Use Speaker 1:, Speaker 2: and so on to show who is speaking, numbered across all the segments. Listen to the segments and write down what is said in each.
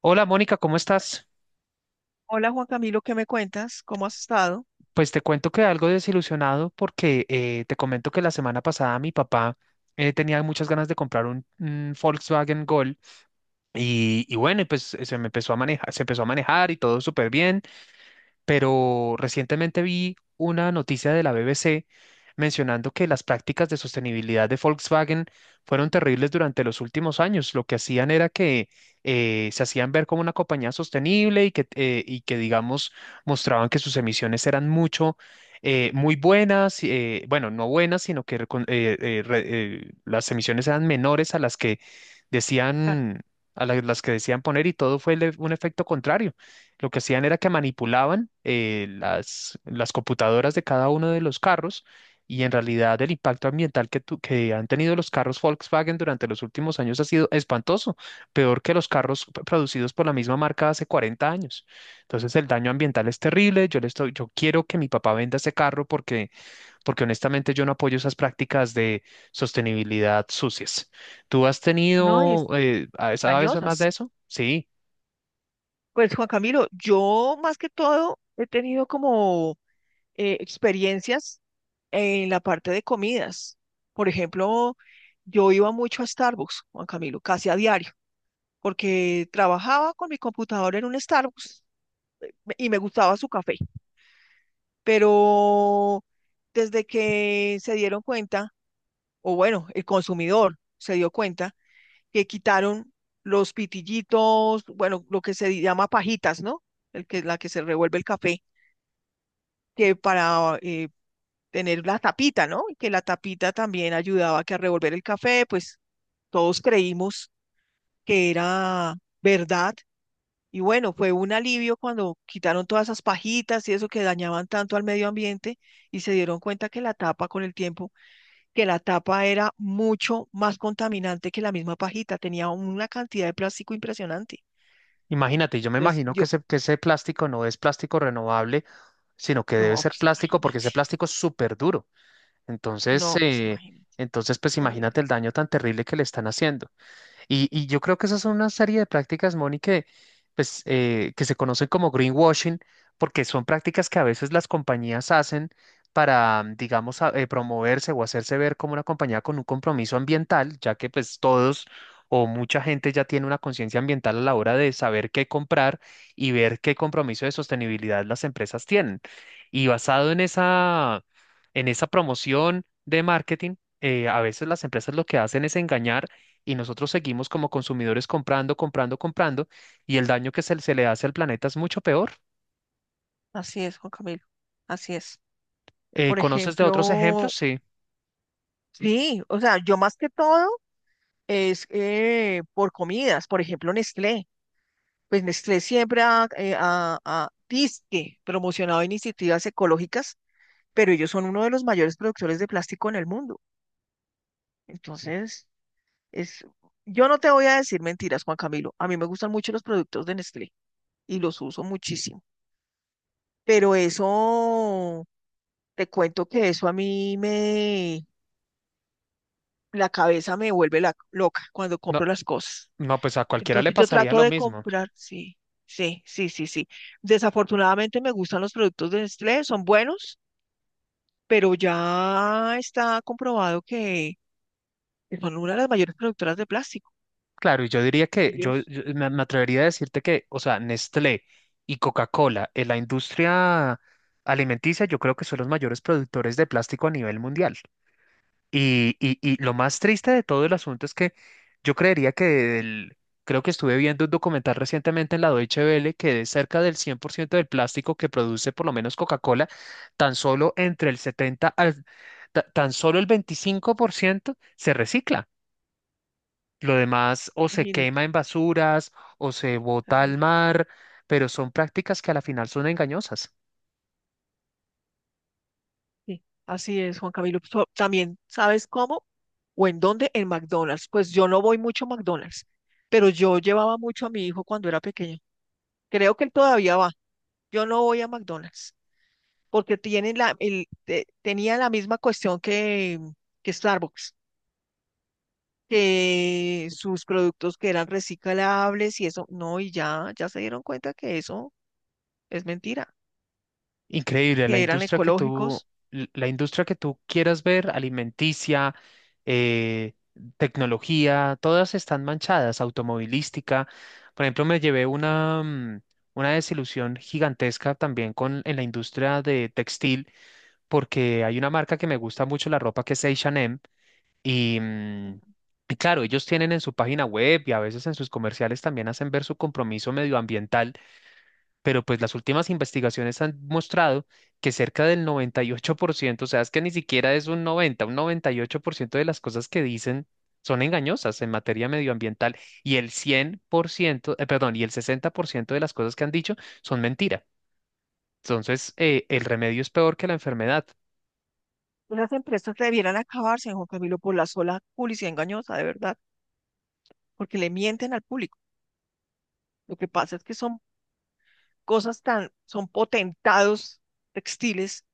Speaker 1: Hola Mónica, ¿cómo estás?
Speaker 2: Hola Juan Camilo, ¿qué me cuentas? ¿Cómo has estado?
Speaker 1: Pues te cuento que algo desilusionado porque te comento que la semana pasada mi papá tenía muchas ganas de comprar un Volkswagen Gol y bueno, y pues se empezó a manejar y todo súper bien. Pero recientemente vi una noticia de la BBC mencionando que las prácticas de sostenibilidad de Volkswagen fueron terribles durante los últimos años. Lo que hacían era que se hacían ver como una compañía sostenible y que y que digamos, mostraban que sus emisiones eran muy buenas, bueno, no buenas, sino que las emisiones eran menores a las que
Speaker 2: Claro,
Speaker 1: decían, las que decían poner y todo fue un efecto contrario. Lo que hacían era que manipulaban las computadoras de cada uno de los carros y en realidad el impacto ambiental que han tenido los carros Volkswagen durante los últimos años ha sido espantoso, peor que los carros producidos por la misma marca hace 40 años. Entonces el daño ambiental es terrible. Yo quiero que mi papá venda ese carro porque, porque honestamente yo no apoyo esas prácticas de sostenibilidad sucias. ¿Tú has
Speaker 2: no, y
Speaker 1: tenido,
Speaker 2: es
Speaker 1: eh, sabes más de
Speaker 2: engañosas.
Speaker 1: eso? Sí.
Speaker 2: Pues Juan Camilo, yo más que todo he tenido como experiencias en la parte de comidas. Por ejemplo, yo iba mucho a Starbucks, Juan Camilo, casi a diario, porque trabajaba con mi computadora en un Starbucks y me gustaba su café. Pero desde que se dieron cuenta, o bueno, el consumidor se dio cuenta, que quitaron los pitillitos, bueno, lo que se llama pajitas, ¿no? El que, la que se revuelve el café, que para tener la tapita, ¿no? Y que la tapita también ayudaba a que a revolver el café, pues todos creímos que era verdad. Y bueno, fue un alivio cuando quitaron todas esas pajitas y eso que dañaban tanto al medio ambiente y se dieron cuenta que la tapa con el tiempo, que la tapa era mucho más contaminante que la misma pajita, tenía una cantidad de plástico impresionante.
Speaker 1: Imagínate, yo me
Speaker 2: Entonces,
Speaker 1: imagino
Speaker 2: yo,
Speaker 1: que ese plástico no es plástico renovable, sino que debe
Speaker 2: no,
Speaker 1: ser
Speaker 2: pues
Speaker 1: plástico porque
Speaker 2: imagínate,
Speaker 1: ese plástico es súper duro. Entonces,
Speaker 2: no, pues
Speaker 1: eh,
Speaker 2: imagínate,
Speaker 1: entonces, pues imagínate
Speaker 2: terrible.
Speaker 1: el daño tan terrible que le están haciendo. Y yo creo que esas son una serie de prácticas, Moni, pues, que se conocen como greenwashing, porque son prácticas que a veces las compañías hacen para, digamos, promoverse o hacerse ver como una compañía con un compromiso ambiental, ya que pues todos o mucha gente ya tiene una conciencia ambiental a la hora de saber qué comprar y ver qué compromiso de sostenibilidad las empresas tienen. Y basado en esa, en esa promoción de marketing, a veces las empresas lo que hacen es engañar y nosotros seguimos como consumidores comprando, comprando, comprando y el daño se le hace al planeta es mucho peor.
Speaker 2: Así es, Juan Camilo, así es. Por
Speaker 1: ¿Conoces de otros
Speaker 2: ejemplo,
Speaker 1: ejemplos? Sí.
Speaker 2: sí, o sea, yo más que todo es por comidas, por ejemplo, Nestlé. Pues Nestlé siempre ha, ha dizque promocionado iniciativas ecológicas, pero ellos son uno de los mayores productores de plástico en el mundo. Entonces, es, yo no te voy a decir mentiras, Juan Camilo. A mí me gustan mucho los productos de Nestlé y los uso muchísimo. Pero eso, te cuento que eso a mí me, la cabeza me vuelve loca cuando
Speaker 1: No,
Speaker 2: compro las cosas.
Speaker 1: no, pues a cualquiera le
Speaker 2: Entonces yo
Speaker 1: pasaría
Speaker 2: trato
Speaker 1: lo
Speaker 2: de
Speaker 1: mismo.
Speaker 2: comprar, sí, sí, sí, sí, sí. Desafortunadamente me gustan los productos de Nestlé, son buenos, pero ya está comprobado que son una de las mayores productoras de plástico.
Speaker 1: Claro, y yo diría que yo,
Speaker 2: Ellos,
Speaker 1: yo me, me atrevería a decirte que, o sea, Nestlé y Coca-Cola en la industria alimenticia, yo creo que son los mayores productores de plástico a nivel mundial. Y lo más triste de todo el asunto es que yo creería que creo que estuve viendo un documental recientemente en la Deutsche Welle que de cerca del 100% del plástico que produce por lo menos Coca-Cola, tan solo entre el 70 al, ta- tan solo el 25% se recicla. Lo demás o se
Speaker 2: imagínate,
Speaker 1: quema en basuras o se bota al
Speaker 2: terrible.
Speaker 1: mar, pero son prácticas que a la final son engañosas.
Speaker 2: Sí, así es, Juan Camilo. También, ¿sabes cómo? ¿O en dónde? En McDonald's. Pues yo no voy mucho a McDonald's, pero yo llevaba mucho a mi hijo cuando era pequeño. Creo que él todavía va. Yo no voy a McDonald's porque tiene la, el, tenía la misma cuestión que Starbucks, que sus productos que eran reciclables y eso. No, y ya, ya se dieron cuenta que eso es mentira,
Speaker 1: Increíble,
Speaker 2: que eran ecológicos.
Speaker 1: la industria que tú quieras ver, alimenticia, eh, tecnología, todas están manchadas, automovilística. Por ejemplo, me llevé una desilusión gigantesca también en la industria de textil, porque hay una marca que me gusta mucho la ropa que es H&M y y claro, ellos tienen en su página web y a veces en sus comerciales también hacen ver su compromiso medioambiental pero pues las últimas investigaciones han mostrado que cerca del 98%, o sea, es que ni siquiera es un 98% de las cosas que dicen son engañosas en materia medioambiental y el 100%, perdón, y el 60% de las cosas que han dicho son mentira. Entonces, el remedio es peor que la enfermedad.
Speaker 2: Esas empresas debieran acabarse, Juan Camilo, por la sola publicidad engañosa, de verdad. Porque le mienten al público. Lo que pasa es que son cosas tan, son potentados textiles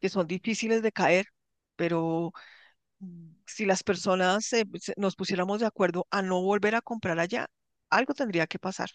Speaker 2: que son difíciles de caer, pero si las personas nos pusiéramos de acuerdo a no volver a comprar allá, algo tendría que pasar,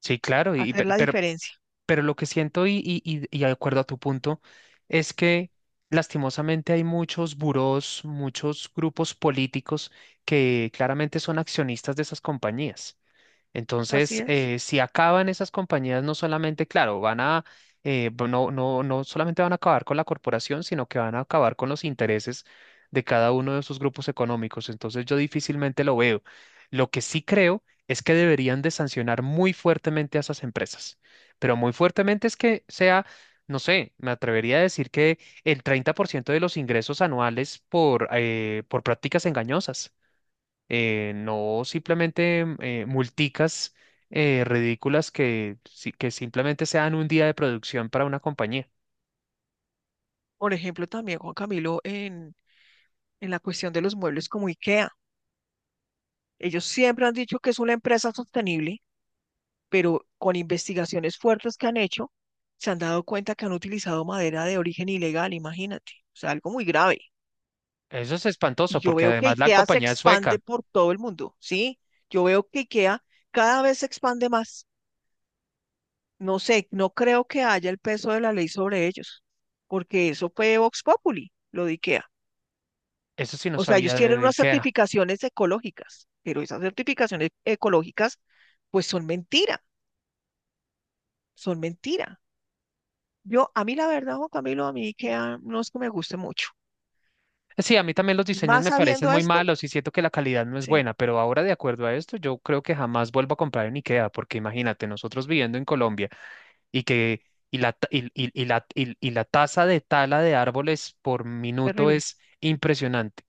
Speaker 1: Sí, claro,
Speaker 2: hacer la
Speaker 1: pero,
Speaker 2: diferencia.
Speaker 1: Pero lo que siento y de acuerdo a tu punto es que lastimosamente hay muchos burós, muchos grupos políticos que claramente son accionistas de esas compañías.
Speaker 2: Así
Speaker 1: Entonces,
Speaker 2: es.
Speaker 1: si acaban esas compañías, no solamente, claro, van a, bu- no, no, no solamente van a acabar con la corporación, sino que van a acabar con los intereses de cada uno de sus grupos económicos. Entonces, yo difícilmente lo veo. Lo que sí creo es que deberían de sancionar muy fuertemente a esas empresas, pero muy fuertemente es que sea, no sé, me atrevería a decir que el 30% de los ingresos anuales por prácticas engañosas no simplemente multicas ridículas que, que simplemente sean un día de producción para una compañía.
Speaker 2: Por ejemplo, también Juan Camilo en la cuestión de los muebles como IKEA. Ellos siempre han dicho que es una empresa sostenible pero con investigaciones fuertes que han hecho, se han dado cuenta que han utilizado madera de origen ilegal, imagínate, o sea, algo muy grave.
Speaker 1: Eso es
Speaker 2: Y
Speaker 1: espantoso
Speaker 2: yo
Speaker 1: porque
Speaker 2: veo que
Speaker 1: además la
Speaker 2: IKEA se
Speaker 1: compañía es
Speaker 2: expande
Speaker 1: sueca.
Speaker 2: por todo el mundo, ¿sí? Yo veo que IKEA cada vez se expande más. No sé, no creo que haya el peso de la ley sobre ellos, porque eso fue Vox Populi, lo de IKEA.
Speaker 1: Eso sí no
Speaker 2: O sea, ellos
Speaker 1: sabía
Speaker 2: tienen
Speaker 1: de
Speaker 2: unas
Speaker 1: IKEA.
Speaker 2: certificaciones ecológicas, pero esas certificaciones ecológicas, pues son mentira, son mentira. Yo, a mí la verdad, Juan Camilo, a mí IKEA no es que me guste mucho.
Speaker 1: Sí, a mí también los
Speaker 2: Y
Speaker 1: diseños
Speaker 2: más
Speaker 1: me parecen
Speaker 2: sabiendo
Speaker 1: muy
Speaker 2: esto,
Speaker 1: malos y siento que la calidad no es
Speaker 2: sí,
Speaker 1: buena, pero ahora de acuerdo a esto, yo creo que jamás vuelvo a comprar en IKEA porque imagínate, nosotros viviendo en Colombia y que y la, ta- y la tasa de tala de árboles por minuto
Speaker 2: terrible,
Speaker 1: es impresionante.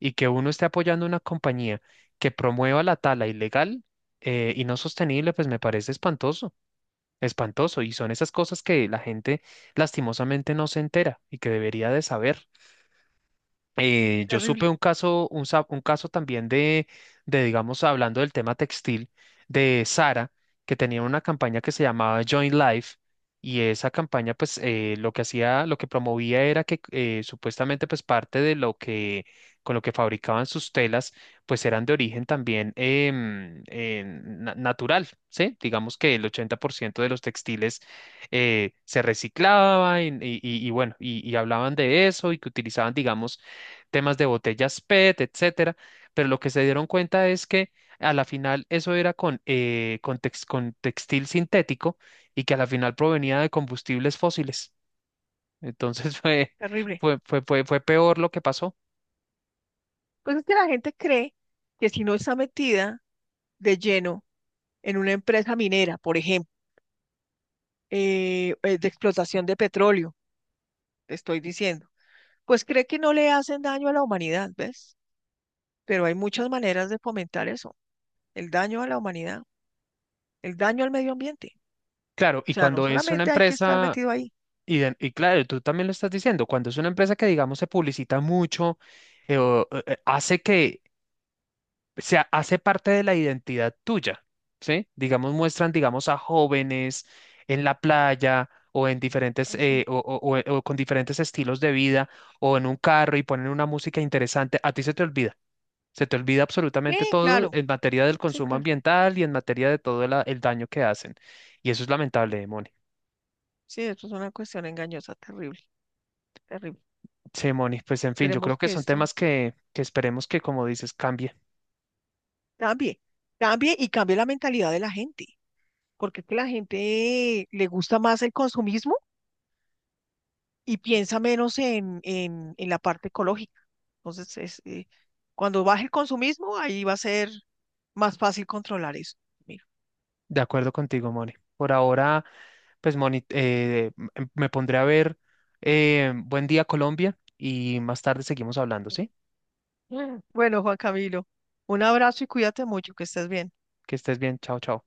Speaker 1: Y que uno esté apoyando una compañía que promueva la tala ilegal y no sostenible, pues me parece espantoso, espantoso. Y son esas cosas que la gente lastimosamente no se entera y que debería de saber. Yo
Speaker 2: terrible,
Speaker 1: supe un caso también de, digamos, hablando del tema textil, de Sara, que tenía una campaña que se llamaba Join Life, y esa campaña, pues, lo que hacía, lo que promovía era que supuestamente, pues, parte de lo que, con lo que fabricaban sus telas, pues, eran de origen también em, natural, ¿sí? Digamos que el 80% de los textiles se reciclaban y bueno, y hablaban de eso y que utilizaban, digamos, temas de botellas PET, etcétera, pero lo que se dieron cuenta es que a la final eso era con, con textil sintético y que a la final provenía de combustibles fósiles. Entonces
Speaker 2: terrible.
Speaker 1: fue peor lo que pasó.
Speaker 2: Pues es que la gente cree que si no está metida de lleno en una empresa minera, por ejemplo, de explotación de petróleo, te estoy diciendo, pues cree que no le hacen daño a la humanidad, ¿ves? Pero hay muchas maneras de fomentar eso, el daño a la humanidad, el daño al medio ambiente.
Speaker 1: Claro,
Speaker 2: O
Speaker 1: y
Speaker 2: sea, no
Speaker 1: cuando es una
Speaker 2: solamente hay que estar
Speaker 1: empresa,
Speaker 2: metido ahí.
Speaker 1: y claro, tú también lo estás diciendo, cuando es una empresa que digamos se publicita mucho, hace que hace parte de la identidad tuya, ¿sí? Digamos, muestran, digamos, a jóvenes en la playa o en diferentes,
Speaker 2: Así.
Speaker 1: o con diferentes estilos de vida o en un carro y ponen una música interesante, a ti se te olvida. Se te olvida
Speaker 2: Sí,
Speaker 1: absolutamente todo
Speaker 2: claro,
Speaker 1: en materia del
Speaker 2: sí,
Speaker 1: consumo
Speaker 2: claro.
Speaker 1: ambiental y en materia de todo el daño que hacen. Y eso es lamentable, Moni.
Speaker 2: Sí, esto es una cuestión engañosa, terrible, terrible.
Speaker 1: Sí, Moni, pues en fin, yo creo
Speaker 2: Esperemos
Speaker 1: que
Speaker 2: que
Speaker 1: son
Speaker 2: esto
Speaker 1: temas que esperemos que, como dices, cambie.
Speaker 2: cambie, cambie y cambie la mentalidad de la gente, porque es que la gente le gusta más el consumismo y piensa menos en la parte ecológica. Entonces, es, cuando baje el consumismo, ahí va a ser más fácil controlar eso. Mira.
Speaker 1: De acuerdo contigo, Moni. Por ahora, me pondré a ver Buen Día Colombia y más tarde seguimos hablando, ¿sí?
Speaker 2: Mm. Bueno, Juan Camilo, un abrazo y cuídate mucho, que estés bien.
Speaker 1: Que estés bien, chao, chao.